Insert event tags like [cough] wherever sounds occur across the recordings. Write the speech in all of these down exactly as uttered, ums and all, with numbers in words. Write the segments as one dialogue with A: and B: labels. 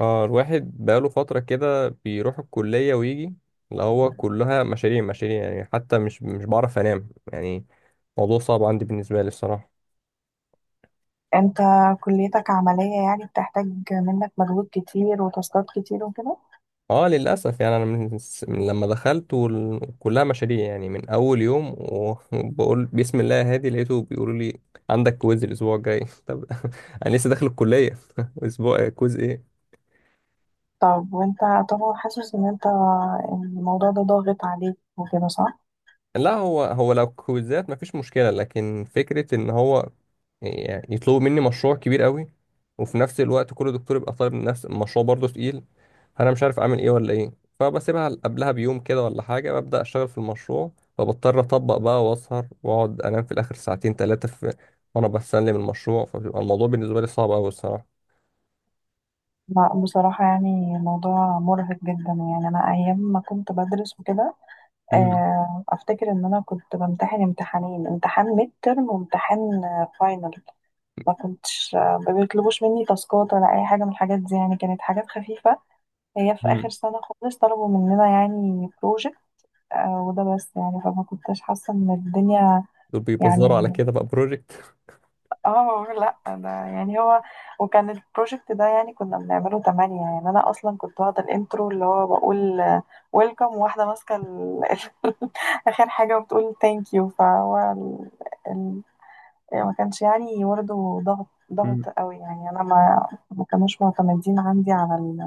A: اه، الواحد بقاله فترة كده بيروح الكلية ويجي، اللي هو كلها مشاريع مشاريع يعني. حتى مش مش بعرف انام يعني. موضوع صعب عندي بالنسبة لي الصراحة.
B: انت، كليتك عملية يعني بتحتاج منك مجهود كتير وتاسكات كتير وكده.
A: اه للأسف يعني أنا من, س- من لما دخلت وال- كلها مشاريع يعني من أول يوم و- [laughs] وبقول بسم الله يا هادي. لقيته بيقولوا لي عندك كويز الأسبوع الجاي. [laughs] طب [laughs] أنا لسه داخل الكلية، [laughs] أسبوع كويز إيه؟
B: طب وانت طبعا حاسس ان انت الموضوع ده ضاغط عليك وكده صح؟
A: لا، هو هو لو كويزات مفيش مشكلة، لكن فكرة ان هو يعني يطلبوا مني مشروع كبير قوي وفي نفس الوقت كل دكتور يبقى طالب نفس المشروع برضه تقيل. فانا مش عارف اعمل ايه ولا ايه. فبسيبها قبلها بيوم كده ولا حاجة، ببدأ اشتغل في المشروع. فبضطر اطبق بقى واسهر واقعد انام في الاخر ساعتين ثلاثة في وانا بسلم المشروع. فبيبقى الموضوع بالنسبة لي صعب قوي الصراحة.
B: لا، بصراحة يعني الموضوع مرهق جدا. يعني أنا أيام ما كنت بدرس وكده،
A: مم.
B: آه، أفتكر إن أنا كنت بمتحن امتحانين، امتحان ميد ترم وامتحان فاينل. ما كنتش آه، ما بيطلبوش مني تاسكات ولا أي حاجة من الحاجات دي، يعني كانت حاجات خفيفة. هي في آخر
A: مم.
B: سنة خالص طلبوا مننا يعني بروجكت. آه، وده بس، يعني فما كنتش حاسة ان الدنيا
A: دول بيبزروا على
B: يعني.
A: كده بقى بروجكت.
B: اه لا، ده يعني هو، وكان البروجكت ده يعني كنا بنعمله تمانية. يعني انا اصلا كنت واخدة الانترو، اللي هو بقول ويلكم، واحدة ماسكة ال- [laughs] اخر حاجة وبتقول ثانك يو، فهو ال... ال... يعني ما كانش يعني برضه ضغط، ضغط قوي. يعني انا ما ما كانوش معتمدين عندي على ال-،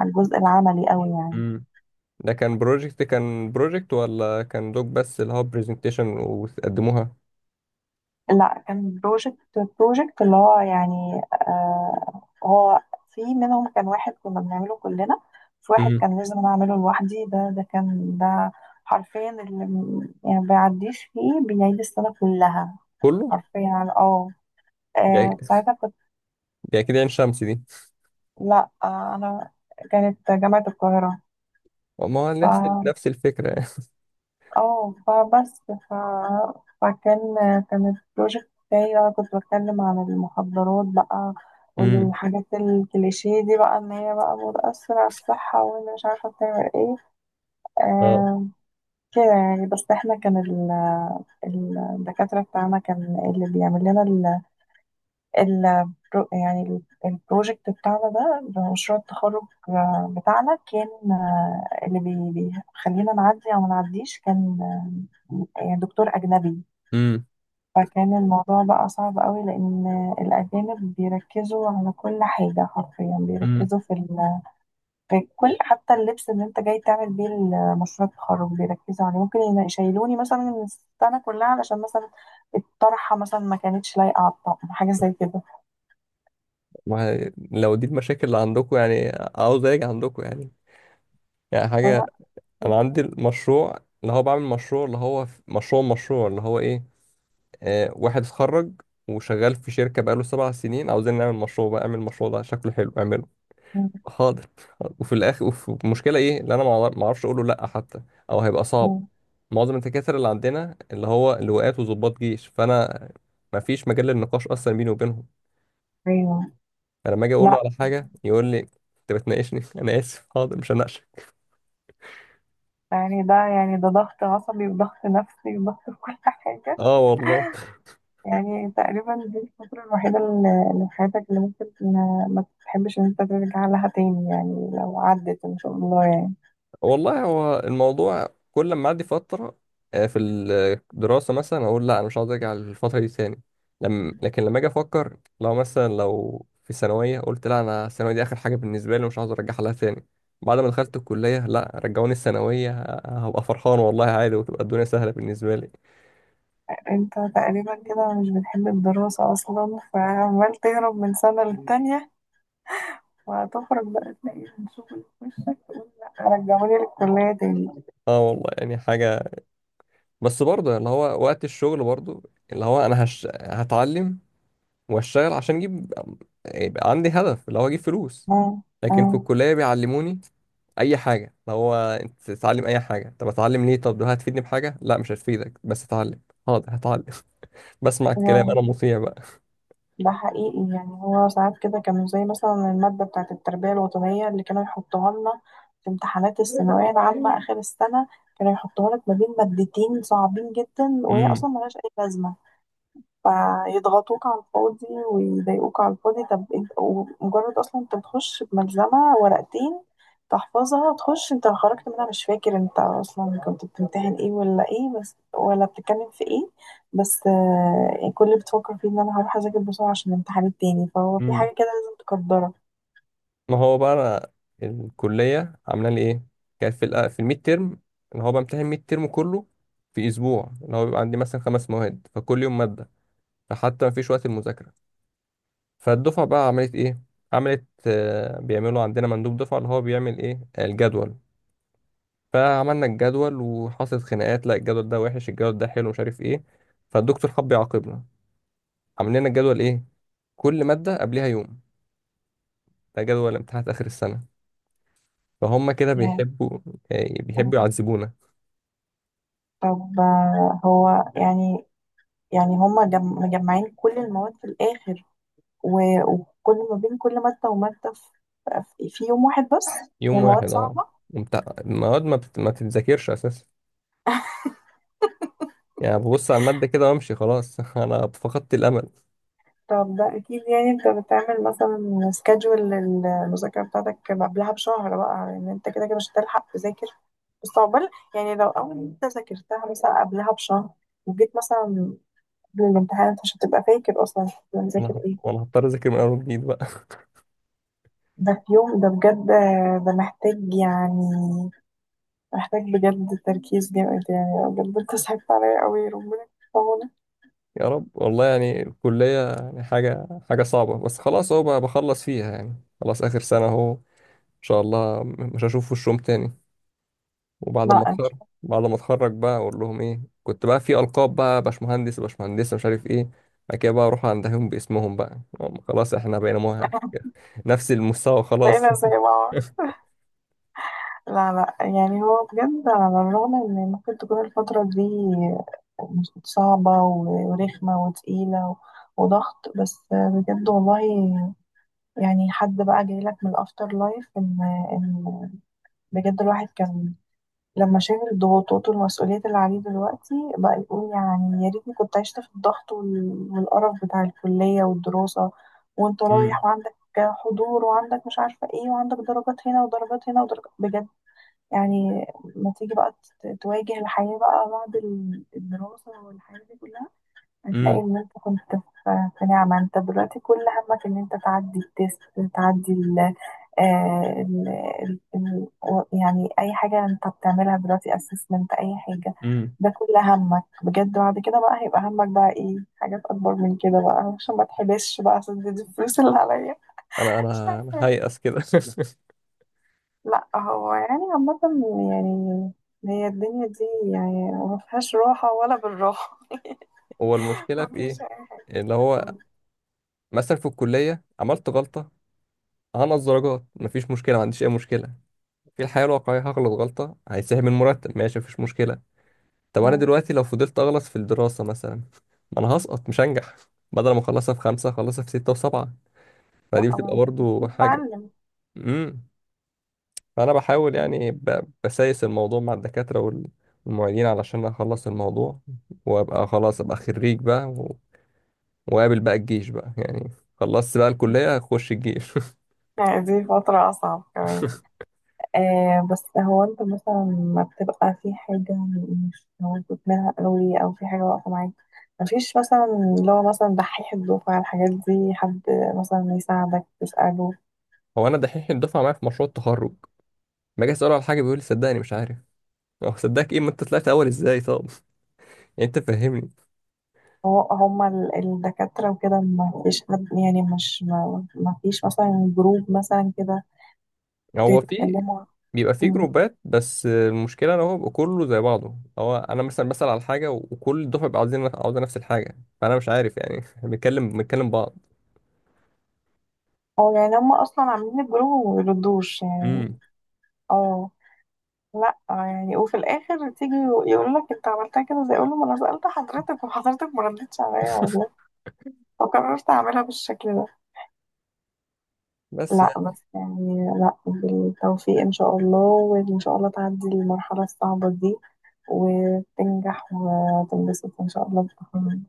B: على الجزء العملي قوي يعني.
A: [laughs] ده كان بروجكت، كان بروجكت ولا كان دوك بس اللي هو برزنتيشن وقدموها؟
B: لا، كان بروجكت بروجكت اللي هو يعني آه هو، في منهم كان واحد كنا بنعمله كلنا، في واحد
A: امم.
B: كان لازم أنا أعمله لوحدي. ده ده كان ده حرفيا، اللي م- يعني بيعديش فيه بيعيد السنة كلها
A: كله
B: حرفيا. اه
A: يعني.
B: آه، ساعتها كنت.
A: يعني كده عين شمس دي؟
B: لا آه أنا كانت جامعة القاهرة.
A: ما هو نفس
B: ف
A: نفس الفكرة يعني.
B: اه فبس ف... فكان كان البروجكت بتاعي بقى، كنت بتكلم عن المخدرات بقى
A: امم.
B: والحاجات الكليشيه دي، بقى ان هي بقى بتأثر على الصحة وان مش عارفة بتعمل ايه.
A: اه.
B: آه كده يعني. بس احنا كان ال... الدكاترة بتاعنا كان اللي بيعمل لنا ال يعني ال- البروجكت بتاعنا ده، مشروع التخرج بتاعنا، كان آه، اللي بي- بيخلينا نعدي او ما نعديش، كان يعني دكتور أجنبي.
A: امم.
B: فكان الموضوع بقى صعب قوي لأن الأجانب بيركزوا على كل حاجة، حرفيا
A: امم.
B: بيركزوا في, ال... في كل، حتى اللبس اللي أنت جاي تعمل بيه مشروع التخرج بيركزوا عليه. ممكن ين- يشيلوني مثلا من السنة كلها علشان مثلا الطرحة مثلا ما كانتش لايقة على الطقم، حاجة زي كده.
A: ما هي- لو دي المشاكل اللي عندكم، يعني عاوز اجي عندكم يعني. يعني حاجة.
B: لا.
A: انا عندي المشروع اللي هو بعمل مشروع اللي هو ف- مشروع مشروع اللي هو ايه، آه واحد اتخرج وشغال في شركة بقاله سبع سنين، عاوزين نعمل مشروع بقى. اعمل المشروع ده شكله حلو، اعمله.
B: مم.
A: حاضر. حاضر. وفي الاخر، وفي المشكله ايه؟ اللي انا ما أعرف- ما اعرفش اقوله لا حتى، او هيبقى صعب.
B: مم.
A: معظم الدكاتره اللي عندنا اللي هو لواءات وضباط جيش، فانا ما فيش مجال للنقاش اصلا بيني وبينهم.
B: ايوه.
A: فلما اجي اقول له
B: لا،
A: على حاجه يقول لي انت بتناقشني؟ [laughs] انا اسف، حاضر، مش هناقشك.
B: يعني ده يعني ده ضغط عصبي وضغط نفسي وضغط [laughs] في كل حاجه.
A: اه والله.
B: يعني تقريبا دي الفتره الوحيده اللي اللي في حياتك اللي ممكن ما ما تحبش ان انت ترجع لها تاني، يعني لو عدت ان شاء الله يعني.
A: والله هو الموضوع كل ما اعدي فتره، آه، في الدراسه مثلا، اقول لا انا مش عاوز ارجع للفتره دي تاني. لم... لكن لما اجي افكر، لو مثلا لو في ثانويه قلت لا، انا الثانويه دي اخر حاجه بالنسبه لي ومش عاوز ارجعها لها تاني، بعد ما دخلت الكليه، لا، رجعوني الثانويه ه- هبقى فرحان والله عادي وتبقى الدنيا سهله بالنسبه لي.
B: انت تقريبا كده مش بتحب الدراسه اصلا، فعمال تهرب من سنه للتانيه، وهتخرج بقى تلاقي رجعوني للكليه تاني.
A: اه والله يعني حاجه. بس برضه اللي هو وقت الشغل برضه اللي هو انا هش... هتعلم واشتغل عشان اجيب، يبقى عندي هدف اللي هو اجيب فلوس.
B: مم.
A: لكن في الكلية بيعلموني أي حاجة، اللي هو أنت تتعلم أي حاجة. طب أتعلم ليه؟ طب ده هتفيدني بحاجة؟ لا، مش هتفيدك، بس أتعلم. حاضر، هتعلم. [laughs] بسمع الكلام،
B: مم.
A: أنا مطيع بقى.
B: ده حقيقي. يعني هو ساعات كده كانوا زي مثلا المادة بتاعة التربية الوطنية، اللي كانوا يحطوها لنا في امتحانات الثانوية العامة آخر السنة. كانوا يحطوها لك ما بين مادتين صعبين جدا وهي
A: امم.
B: أصلا ملهاش أي لازمة، فيضغطوك على الفاضي ويضايقوك على الفاضي. طب انت مجرد اصلا انت بتخش بملزمة ورقتين، تحفظها تخش، انت خرجت منها مش فاكر انت اصلا كنت بتمتحن ايه ولا ايه بس، ولا بتتكلم في ايه. بس آه، يعني كل اللي بتفكر فيه ان انا هروح اذاكر بسرعة عشان الامتحان التاني، فهو في
A: امم.
B: حاجة كده لازم تقدرها
A: ما هو بقى أنا الكلية عاملة لي إيه، كانت في الأ- في الميد تيرم اللي هو بمتحن الميد تيرم كله في أسبوع، اللي هو بيبقى عندي مثلا خمس مواد فكل يوم مادة، فحتى مفيش وقت المذاكرة. فالدفعة بقى عملت إيه؟ عملت آه، بيعملوا عندنا مندوب دفعة اللي هو بيعمل إيه الجدول. فعملنا الجدول وحصلت خناقات، لا الجدول ده وحش، الجدول ده حلو، مش عارف ايه. فالدكتور حب يعاقبنا، عامل لنا الجدول ايه؟ كل مادة قبلها يوم، ده جدول امتحانات آخر السنة. فهم كده
B: يعني.
A: بيحبوا آه،
B: آه،
A: بيحبوا يعذبونا.
B: طب آه، هو يعني يعني هما جم- مجمعين كل المواد في الآخر، و- وكل ما بين كل مادة ومادة في في يوم واحد بس،
A: يوم
B: والمواد
A: واحد اه.
B: صعبة.
A: ومت- المواد ما, بت... ما بتتذاكرش أساسا. يعني ببص على المادة كده وأمشي خلاص. [laughs] أنا فقدت الأمل.
B: طب ده أكيد، يعني أنت بتعمل مثلا سكادجول للمذاكرة بتاعتك قبلها بشهر بقى، إن أنت كده كده مش هتلحق تذاكر. بس عقبال، يعني لو أول أنت ذاكرتها مثلا قبلها بشهر، وجيت مثلا قبل الامتحان، أنت مش هتبقى فاكر أصلا كنت
A: أنا
B: مذاكر
A: هط-
B: إيه.
A: وأنا هضطر أذاكر من أول وجديد بقى.
B: ده في يوم، ده بجد، ده محتاج يعني محتاج بجد تركيز جامد. يعني بجد أنت صعبت عليا أوي، ربنا يكون في عونك.
A: [laughs] يا رب والله، يعني الكلية يعني حاجة حاجة صعبة. بس خلاص أهو بقى بخلص فيها يعني، خلاص آخر سنة أهو، شاء الله م- مش هشوف وشهم تاني. وبعد ما
B: لا،
A: اتخرج، بعد ما اتخرج بقى اقول لهم ايه، كنت بقى في القاب بقى، باشمهندس باشمهندسه مش عارف ايه. بعد كده بقى اروح عندهم باسمهم بقى، هم خلاص احنا بقينا مه... نفس المستوى خلاص.
B: بقينا زي بعض.
A: [laughs]
B: لا، لا، يعني هو بجد على الرغم ان ممكن تكون الفترة دي صعبة و- ورخمة وتقيلة و- وضغط، بس بجد والله. يعني حد بقى جاي لك من الافتر لايف ان ان بجد الواحد كان لما شاف الضغوطات والمسؤوليات اللي عليه دلوقتي بقى، يقول يعني يا ريتني كنت عشت في الضغط وال- والقرف بتاع الكلية والدراسة، وانت
A: امم.
B: رايح وعندك حضور وعندك مش عارفة ايه وعندك درجات هنا ودرجات هنا ودرجات بجد. يعني ما تيجي بقى ت- تواجه الحياة بقى بعد ال- الدراسة والحياة دي كلها، هتلاقي
A: امم.
B: إن أنت كنت في في نعمة. أنت دلوقتي كل همك إن أنت تعدي التيست، تعدي ال آه، ال ال- ال- و- يعني أي حاجة أنت بتعملها دلوقتي أسسمنت، أي حاجة
A: امم.
B: ده كل همك بجد. بعد كده بقى هيبقى همك بقى إيه، حاجات أكبر من كده بقى، عشان ما تحبسش بقى، عشان دي دي الفلوس اللي عليا.
A: انا انا أنا
B: [laughs]
A: هيأس كده. [laughs]
B: لا، هو يعني عامة، يعني هي الدنيا دي، يعني ما فيهاش راحة ولا بالراحة.
A: هو
B: [laughs]
A: المشكله
B: ما
A: في ايه؟
B: فيش أي حاجة
A: اللي هو
B: م-.
A: مثلا في الكليه عملت غلطه هنقص درجات مفيش مشكله، ما عنديش اي مشكله. في الحياه الواقعيه هغلط غلطه هيتسحب من المرتب، ماشي مفيش مشكله. طب انا دلوقتي لو فضلت اغلط في الدراسه مثلا ما انا هسقط مش هنجح، بدل ما اخلصها في خمسه اخلصها في سته وسبعه، فدي
B: لا، ما
A: بتبقى
B: أنت
A: برضو
B: المفروض
A: حاجه.
B: تتعلم.
A: امم. فانا بحاول يعني ب- بسايس الموضوع مع الدكاتره وال- والمعيدين علشان اخلص الموضوع وابقى خلاص ابقى خريج بقى و- واقابل بقى الجيش بقى، يعني خلصت بقى الكليه اخش الجيش.
B: يعني دي فترة أصعب كمان.
A: [laughs]
B: آه، بس هو أنت مثلا ما بتبقى في حاجة مش موجود منها قوي، أو في حاجة واقفة معاك، مفيش مثلا اللي هو مثلا دحيح الدفعة، الحاجات دي حد مثلا يساعدك تسأله.
A: هو انا دحيح الدفعه معايا في مشروع التخرج، ما اجي اساله على حاجه بيقول لي صدقني مش عارف. هو صدقك ايه، ما انت طلعت اول ازاي طب؟ [laughs] يعني انت فهمني.
B: هو هما ال- الدكاترة وكده ما فيش حد، يعني مش ما, ما فيش مثلا جروب مثلا كده
A: هو في،
B: تتكلموا.
A: بيبقى في
B: مم.
A: جروبات بس المشكله ان هو بيبقى كله زي بعضه، هو انا مثلا بسال على حاجه وكل الدفعه بيبقى عاوزين عاوزه نفس الحاجه، فانا مش عارف يعني. [laughs] بنتكلم بنتكلم بعض.
B: اه، يعني هما أصلا عاملين الجروب وما بيردوش يعني.
A: امم.
B: اه، لا يعني. وفي الآخر تيجي يقول لك أنت عملتها كده، زي أقول له ما أنا سألت حضرتك وحضرتك ما ردتش عليا والله،
A: [laughs]
B: فقررت أعملها بالشكل ده.
A: بس يعني
B: لا
A: ان
B: بس يعني، لا، بالتوفيق إن شاء الله، وإن شاء الله تعدي المرحلة الصعبة دي وتنجح وتنبسط إن شاء الله بالتخرج.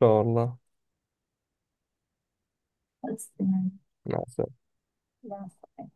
A: شاء الله.
B: خلاص تمام.
A: مع السلامه.
B: مع السلامة.